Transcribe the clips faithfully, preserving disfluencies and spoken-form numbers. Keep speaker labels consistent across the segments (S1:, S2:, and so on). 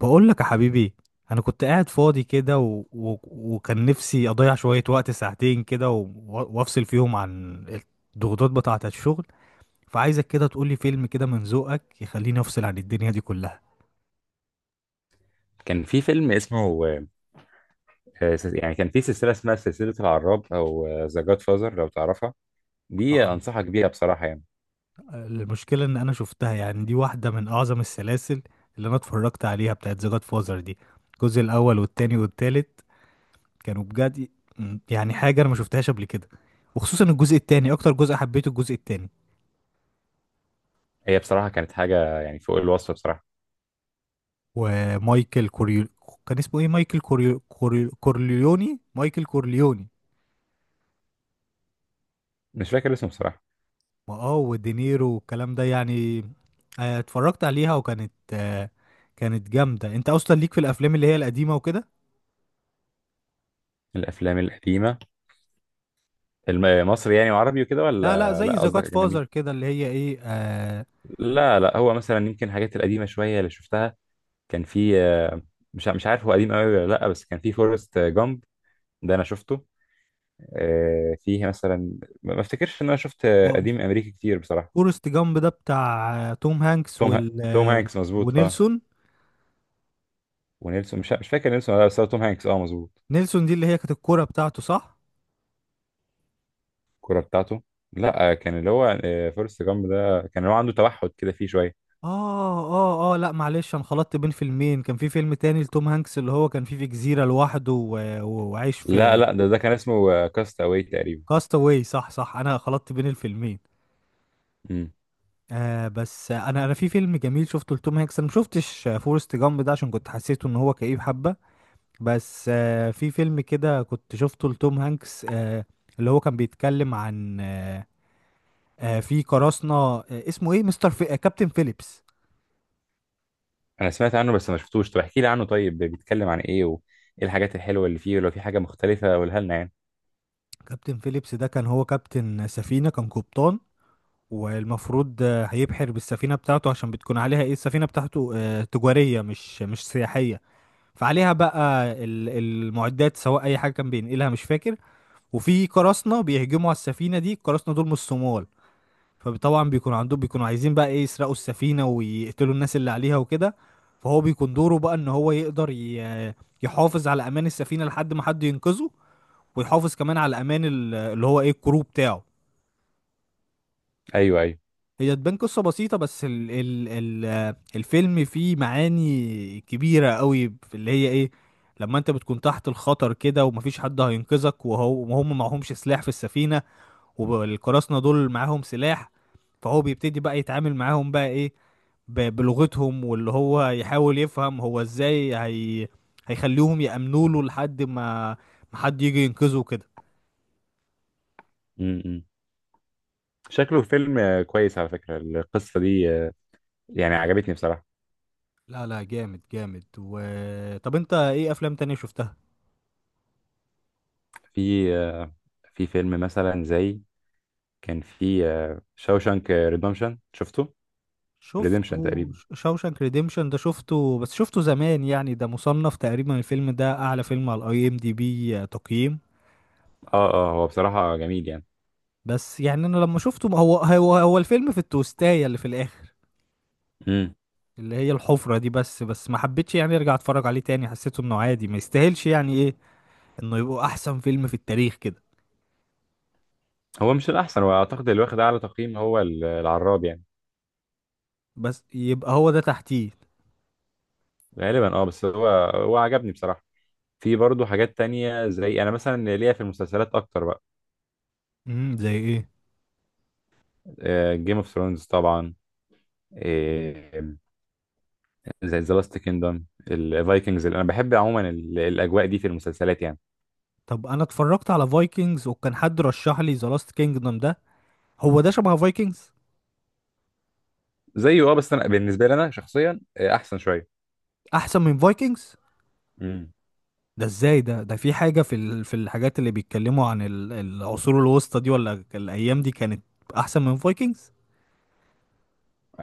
S1: بقول لك يا حبيبي. انا كنت قاعد فاضي كده و... و... وكان نفسي اضيع شوية وقت ساعتين كده و... و- وافصل فيهم عن الضغوطات بتاعة الشغل. فعايزك كده تقولي فيلم كده من ذوقك يخليني افصل عن الدنيا دي كلها.
S2: كان في فيلم اسمه آه، سلس- يعني كان في سلسلة اسمها سلسلة العراب أو ذا جاد فازر لو تعرفها. دي
S1: أه،
S2: أنصحك بيها بصراحة يعني.
S1: المشكلة ان انا شفتها، يعني دي واحدة من اعظم السلاسل اللي انا اتفرجت عليها، بتاعت ذا جاد فازر دي. الجزء الاول والتاني والتالت كانوا بجد، يعني حاجة انا ما شفتهاش قبل كده. وخصوصا الجزء التاني، اكتر جزء حبيته الجزء التاني.
S2: هي بصراحة كانت حاجة يعني فوق الوصف بصراحة.
S1: ومايكل كوريو، كان اسمه ايه؟ مايكل كوريو كوريو كورليوني، مايكل كورليوني.
S2: مش فاكر اسمه بصراحة.
S1: واه ودينيرو والكلام ده يعني. آه، اتفرجت عليها وكانت آه، كانت جامدة. انت اصلا ليك في الافلام اللي هي القديمة وكده.
S2: الأفلام القديمة، الم- مصري يعني وعربي وكده،
S1: لا لا،
S2: ولا
S1: زي
S2: لا
S1: ذا
S2: قصدك
S1: جاد
S2: أجنبي؟
S1: فازر كده اللي هي ايه، آه.
S2: لا لا، هو مثلا يمكن الحاجات القديمة شوية اللي شفتها. كان في آه، مش ع- مش عارف هو قديم أوي ولا لا، بس كان في فورست جامب، ده أنا شفته. آه، فيه مثلا، ما ما افتكرش إن أنا شفت آه،
S1: هو
S2: قديم أمريكي كتير بصراحة.
S1: فورست جامب ده بتاع آه، توم هانكس
S2: توم ها...
S1: وال
S2: توم
S1: آه،
S2: هانكس مظبوط اه.
S1: ونيلسون.
S2: ونيلسون، مش مش فاكر نيلسون ولا لا، بس هو توم هانكس اه مظبوط.
S1: نيلسون دي اللي هي كانت الكورة بتاعته، صح؟
S2: الكوره بتاعته. لا آه، كان اللي هو آه، فورست جامب ده كان هو عنده توحد كده فيه شويه.
S1: اه اه اه، لا معلش، انا خلطت بين فيلمين. كان في فيلم تاني لتوم هانكس اللي هو كان فيه في جزيرة لوحده و- و- وعايش
S2: لا
S1: في...
S2: لا، ده ده كان اسمه آه، كاست اواي تقريبا.
S1: كاستاوي، صح صح، انا خلطت بين الفيلمين.
S2: امم.
S1: آه بس انا انا في فيلم جميل شفته لتوم هانكس. انا ما شفتش فورست جامب ده عشان كنت حسيته ان هو كئيب حبة. بس آه في فيلم كده كنت شفته لتوم هانكس، آه اللي هو كان بيتكلم عن آه آه في قراصنة، آه اسمه ايه؟ مستر في... آه كابتن فيليبس.
S2: انا سمعت عنه بس ما شفتوش، طب احكي لي عنه، طيب بيتكلم عن ايه وايه الحاجات الحلوه اللي فيه، ولو في حاجه مختلفه قولها لنا يعني.
S1: كابتن فيليبس ده كان هو كابتن سفينة، كان قبطان. والمفروض آه، هيبحر بالسفينة بتاعته، عشان بتكون عليها ايه، السفينة بتاعته آه، تجارية، مش مش سياحية. فعليها بقى ال- المعدات سواء اي حاجة كان بينقلها، مش فاكر. وفي قراصنة بيهجموا على السفينة دي، القراصنة دول من الصومال. فطبعا بيكون عندهم، بيكونوا عايزين بقى ايه، يسرقوا السفينة ويقتلوا الناس اللي عليها وكده. فهو بيكون دوره بقى ان هو يقدر ي- يحافظ على امان السفينة لحد ما حد ينقذه. ويحافظ كمان على امان ال- اللي هو ايه، الكرو بتاعه.
S2: ايوه ايوه.
S1: هي تبان قصة بسيطة، بس ال ال ال آه، الفيلم فيه معاني كبيرة قوي في اللي هي ايه، لما انت بتكون تحت الخطر كده ومفيش حد هينقذك، وهو وهم معهمش سلاح في السفينة، والقراصنة دول معاهم سلاح. فهو بيبتدي بقى يتعامل معاهم بقى ايه، ب- بلغتهم، واللي هو يحاول يفهم هو ازاي هي هيخليهم يأمنوا له لحد ما ما حد يجي ينقذه كده.
S2: امم. شكله فيلم آه، كويس على فكره، القصه دي آه، يعني عجبتني بصراحه.
S1: لا لا، جامد جامد. و طب انت ايه افلام تانية شفتها؟
S2: في آه، في فيلم مثلا زي، كان في شاوشانك ريدمشن شفته. ريديمشن
S1: شفته.
S2: تقريبا
S1: شوشانك ريديمشن ده شفته، بس شفته زمان يعني. ده مصنف تقريبا الفيلم ده اعلى فيلم على الاي ام دي بي تقييم.
S2: اه. اه، هو بصراحة جميل يعني.
S1: بس يعني انا لما شفته، ما هو هو هو الفيلم في التوستاية اللي في الاخر
S2: امم.
S1: اللي هي الحفرة دي، بس بس ما حبيتش يعني ارجع اتفرج عليه تاني. حسيته انه عادي، ما يستاهلش يعني ايه، انه يبقى احسن فيلم في التاريخ كده.
S2: هو مش الأحسن، وأعتقد اللي واخد أعلى تقييم هو ال- العراب يعني.
S1: بس يبقى هو ده تحتيه.
S2: غالبا اه، بس هو هو عجبني بصراحة. في برضه حاجات تانية، زي أنا مثلا ليا في المسلسلات أكتر بقى.
S1: امم، زي ايه؟
S2: جيم اوف ثرونز طبعا. آه، زي ذا لاست كيندم، الفايكنجز، أنا بحب عموما ال- الأجواء دي في المسلسلات يعني.
S1: طب انا اتفرجت على فايكنجز وكان حد رشح لي ذا لاست كينجدم ده، هو ده شبه فايكنجز؟
S2: زيه اه، بس أنا بالنسبة لي أنا شخصيا آه، أحسن شوية.
S1: احسن من فايكنجز؟
S2: امم.
S1: ده ازاي ده؟ ده في حاجة في ال... في الحاجات اللي بيتكلموا عن ال... العصور الوسطى دي ولا الأيام دي، كانت أحسن من فايكنجز؟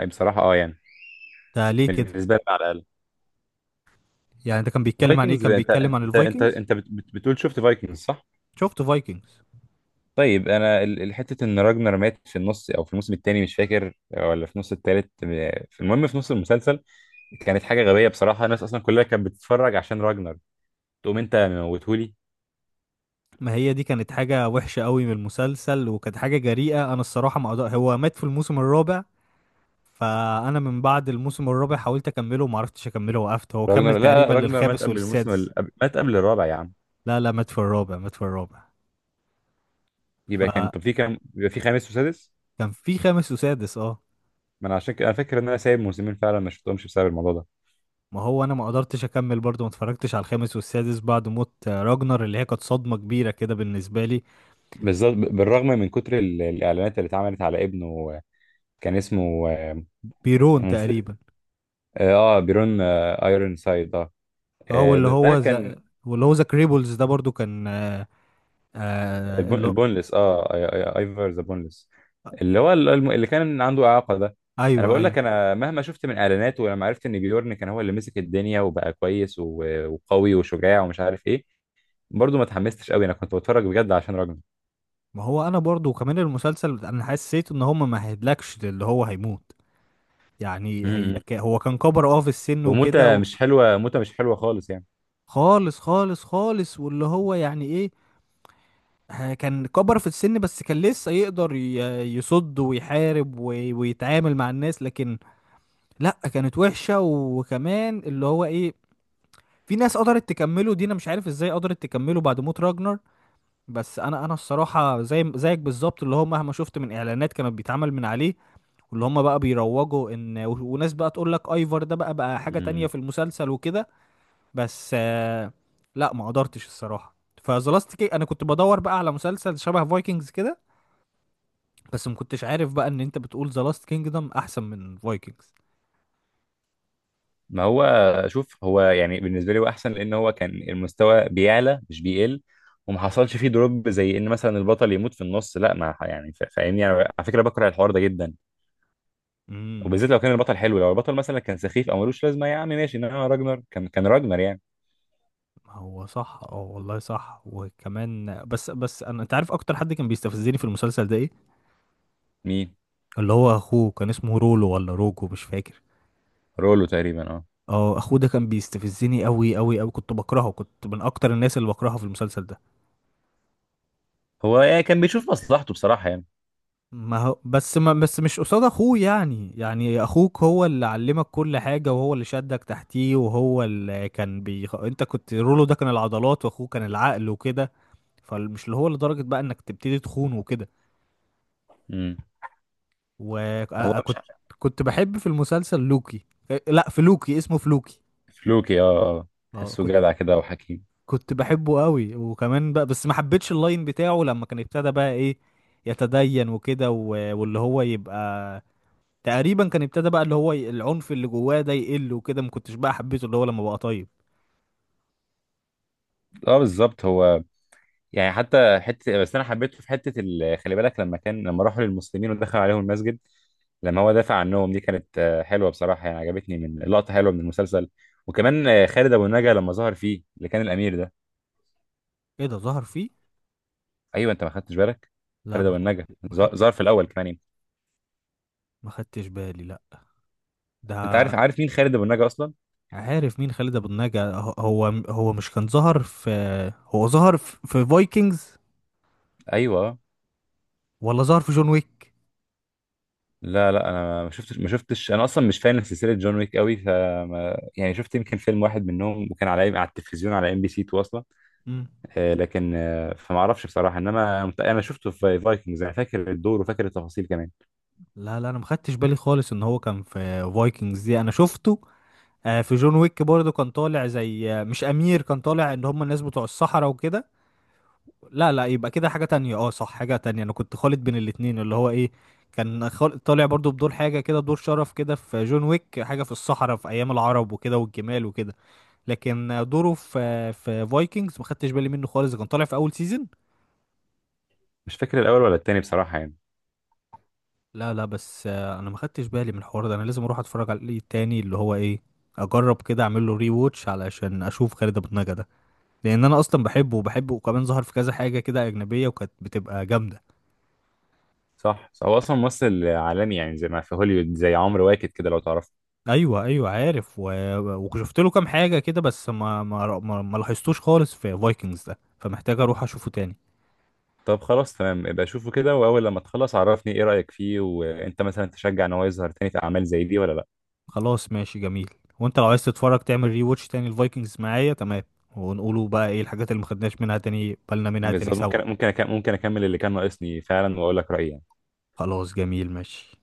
S2: أي بصراحة اه يعني.
S1: ده ليه كده؟
S2: بالنسبة لي على الأقل.
S1: يعني ده كان بيتكلم عن إيه؟
S2: فايكنجز،
S1: كان
S2: انت
S1: بيتكلم عن
S2: انت انت
S1: الفايكنجز؟
S2: انت بت- بت- بتقول شفت فايكنجز صح؟
S1: شفت فايكنجز.
S2: طيب، انا ال- ال- حته ان راجنر مات في النص او في الموسم الثاني مش فاكر، ولا في نص الثالث. في، المهم في نص المسلسل، كانت حاجه غبيه بصراحه. الناس اصلا كلها كانت بتتفرج عشان راجنر، تقوم انت موتهولي.
S1: ما هي دي كانت حاجة وحشة قوي من المسلسل، وكانت حاجة جريئة، أنا الصراحة ما أقدر. هو مات في الموسم الرابع. فأنا من بعد الموسم الرابع حاولت أكمله وما عرفتش أكمله، وقفت. هو كمل
S2: راجنر، لا لا،
S1: تقريبا
S2: راجنر مات
S1: للخامس
S2: قبل الموسم
S1: والسادس.
S2: ال... قبل- مات قبل الرابع يا عم.
S1: لا لا، مات في الرابع، مات في الرابع.
S2: يبقى كان،
S1: فكان
S2: طب في كام، يبقى في خامس وسادس.
S1: في خامس وسادس، اه.
S2: ما انا عشان كده انا فاكر ان انا سايب موسمين فعلا ما شفتهمش بسبب الموضوع ده.
S1: ما هو انا ما قدرتش اكمل برضو، ما اتفرجتش على الخامس والسادس بعد موت آه، راجنر، اللي هي كانت صدمة كبيرة كده بالنسبة لي.
S2: بالظبط، ب- بالرغم من كتر ال- الاعلانات اللي اتعملت على ابنه. كان اسمه آه،
S1: بيرون
S2: انا نسيت.
S1: تقريبا،
S2: اه، بيرون آه، بيرون آه، ايرون سايد اه.
S1: اه.
S2: آه،
S1: واللي
S2: ده ده
S1: هو
S2: كان
S1: ذا، واللي هو ذا كريبلز ده برضو كان آه آه
S2: البون
S1: اللي...
S2: البونلس اه. أي- أي- ايفر ذا بونلس، اللي هو ال- الم- اللي كان عنده اعاقه ده. انا
S1: ايوه
S2: بقول
S1: ايوه.
S2: لك، انا مهما شفت من اعلانات، ولما عرفت ان بيورن كان هو اللي مسك الدنيا وبقى كويس و- وقوي وشجاع ومش عارف ايه، برضه ما اتحمستش قوي. انا كنت بتفرج بجد عشان راجل.
S1: ما هو انا برضو، وكمان المسلسل انا حسيت ان هم ما هيدلكش اللي هو هيموت. يعني هي
S2: امم.
S1: ك... هو كان كبر اه في السن
S2: وموتة
S1: وكده و...
S2: مش حلوه، موتة مش حلوه خالص يعني.
S1: خالص خالص خالص. واللي هو يعني ايه، ها- كان كبر في السن، بس كان لسه يقدر ي- يصد ويحارب وي- ويتعامل مع الناس. لكن لا، كانت وحشة. وكمان اللي هو ايه، في ناس قدرت تكمله دي، انا مش عارف ازاي قدرت تكمله بعد موت راجنر. بس انا انا الصراحة زي زيك بالظبط، اللي هو مهما شفت من اعلانات كانت بيتعمل من عليه، واللي هم بقى بيروجوا ان و- وناس بقى تقول لك ايفر ده بقى بقى حاجة تانية
S2: امم.
S1: في المسلسل وكده. بس آه، لا، ما قدرتش الصراحة. فذا لاست انا كنت بدور بقى على مسلسل شبه فايكنجز كده، بس ما كنتش عارف بقى ان انت بتقول ذا لاست كينجدم احسن من فايكنجز.
S2: ما هو، شوف، هو يعني بالنسبه لي هو احسن، لان هو كان المستوى بيعلى مش بيقل، وما حصلش فيه دروب زي ان مثلا البطل يموت في النص، لا ما ح- يعني فا- فاهمني انا، على فكره بكره الحوار ده جدا.
S1: امم.
S2: وبالذات لو كان البطل حلو، لو البطل مثلا كان سخيف او ملوش لازمه، يا عم ماشي، انما راجنر كان كان راجنر يعني.
S1: هو صح اه، والله صح. وكمان بس بس انا، انت عارف اكتر حد كان بيستفزني في المسلسل ده ايه؟
S2: مين؟
S1: اللي هو اخوه كان اسمه رولو ولا روجو، مش فاكر.
S2: رولو تقريبا اه.
S1: اه، اخوه ده كان بيستفزني قوي قوي قوي، كنت بكرهه، كنت من اكتر الناس اللي بكرهها في المسلسل ده.
S2: هو يعني كان بيشوف مصلحته بصراحه يعني.
S1: ما هو بس ما بس مش قصاد اخوه، يعني يعني اخوك هو اللي علمك كل حاجة، وهو اللي شدك تحتيه، وهو اللي كان بيخ... انت كنت، رولو ده كان العضلات واخوه كان العقل وكده. فمش اللي هو لدرجة بقى انك تبتدي تخون وكده.
S2: امم. هو مش
S1: وكنت...
S2: عارف.
S1: كنت بحب في المسلسل لوكي، آه، لا في لوكي، اسمه فلوكي.
S2: فلوكي اه اه.
S1: اه،
S2: تحسه
S1: كنت...
S2: جدع كده وحكيم.
S1: كنت بحبه قوي، وكمان بقى، بس ما حبيتش اللاين بتاعه لما كان ابتدى بقى ايه، يتدين وكده و- واللي هو يبقى تقريبا كان ابتدى بقى اللي هو ي- العنف اللي جواه ده يقل وكده. ما كنتش بقى حبيته اللي هو لما بقى طيب.
S2: اه، بالظبط. هو يعني حتى حته، بس انا حبيته في حته ال... خلي بالك، لما كان لما راحوا للمسلمين ودخل عليهم المسجد، لما هو دافع عنهم، دي كانت آه، حلوه بصراحه يعني، عجبتني، من لقطه حلوه من المسلسل. وكمان آه، خالد ابو النجا لما ظهر فيه، اللي كان الامير ده.
S1: ايه ده، ظهر فيه؟
S2: ايوه، انت ما خدتش بالك،
S1: لا
S2: خالد
S1: ما
S2: ابو
S1: خدت،
S2: النجا
S1: ما
S2: ظ-
S1: خدت،
S2: ظهر في الاول كمان يعني.
S1: ما خدتش بالي، لا.
S2: انت
S1: ده...
S2: عارف عارف مين خالد ابو النجا اصلا؟
S1: عارف مين خالد ابو النجا. هو هو هو مش كان ظهر في... هو ظهر في, في فايكنجز
S2: ايوه.
S1: ولا ظهر في جون ويك؟
S2: لا لا، انا ما شفتش ما شفتش انا اصلا مش فان سلسله جون ويك قوي، فما يعني شفت يمكن فيلم واحد منهم، وكان على على التلفزيون على ام بي سي اتنين اصلا.
S1: مم.
S2: آه، لكن آه، فما اعرفش بصراحه، انما مت- انا شفته في فايكنجز، انا فاكر الدور وفاكر التفاصيل كمان.
S1: لا لا، انا ما خدتش بالي خالص ان هو كان في فايكنجز دي. انا شفته آه، في جون ويك برضه كان طالع زي آه، مش امير، كان طالع ان هم الناس بتوع الصحراء وكده. لا لا، يبقى كده حاجة تانية، اه صح، حاجة تانية، انا كنت خالط بين الاتنين اللي هو ايه، كان خال... طالع برضه بدور حاجة كده، دور شرف كده في جون ويك، حاجة في الصحراء في ايام العرب وكده والجمال وكده. لكن دوره في في فايكنجز ما خدتش بالي منه خالص، كان طالع في اول سيزون.
S2: مش فاكر الاول ولا التاني بصراحه يعني.
S1: لا لا، بس آه، انا ما خدتش بالي من الحوار ده. انا لازم اروح اتفرج عليه تاني اللي هو ايه، اجرب كده اعمل له ري ووتش علشان اشوف خالد ابو النجا ده. لان انا اصلا بحبه وبحبه، وكمان ظهر في كذا حاجه كده اجنبيه وكانت بتبقى جامده.
S2: صح، هو اصلا ممثل عالمي يعني، زي ما في هوليوود زي عمرو واكد كده لو تعرف.
S1: ايوه ايوه، عارف و... وشفت له كام حاجه كده، بس ما ما ما, ما لاحظتوش خالص في فايكنجز ده، فمحتاج اروح اشوفه تاني.
S2: طب خلاص تمام، يبقى شوفه كده، واول لما تخلص عرفني ايه رايك فيه، وانت مثلا تشجع ان هو يظهر تاني في اعمال زي دي ولا لا.
S1: خلاص ماشي جميل. وانت لو عايز تتفرج تعمل ري واتش تاني الفايكنجز معايا، تمام. ونقولوا بقى ايه الحاجات اللي ما خدناش منها، تاني بالنا منها تاني
S2: بالظبط، ممكن
S1: سوا.
S2: ممكن أك- ممكن اكمل اللي كان ناقصني فعلا واقول لك رايي.
S1: خلاص جميل ماشي.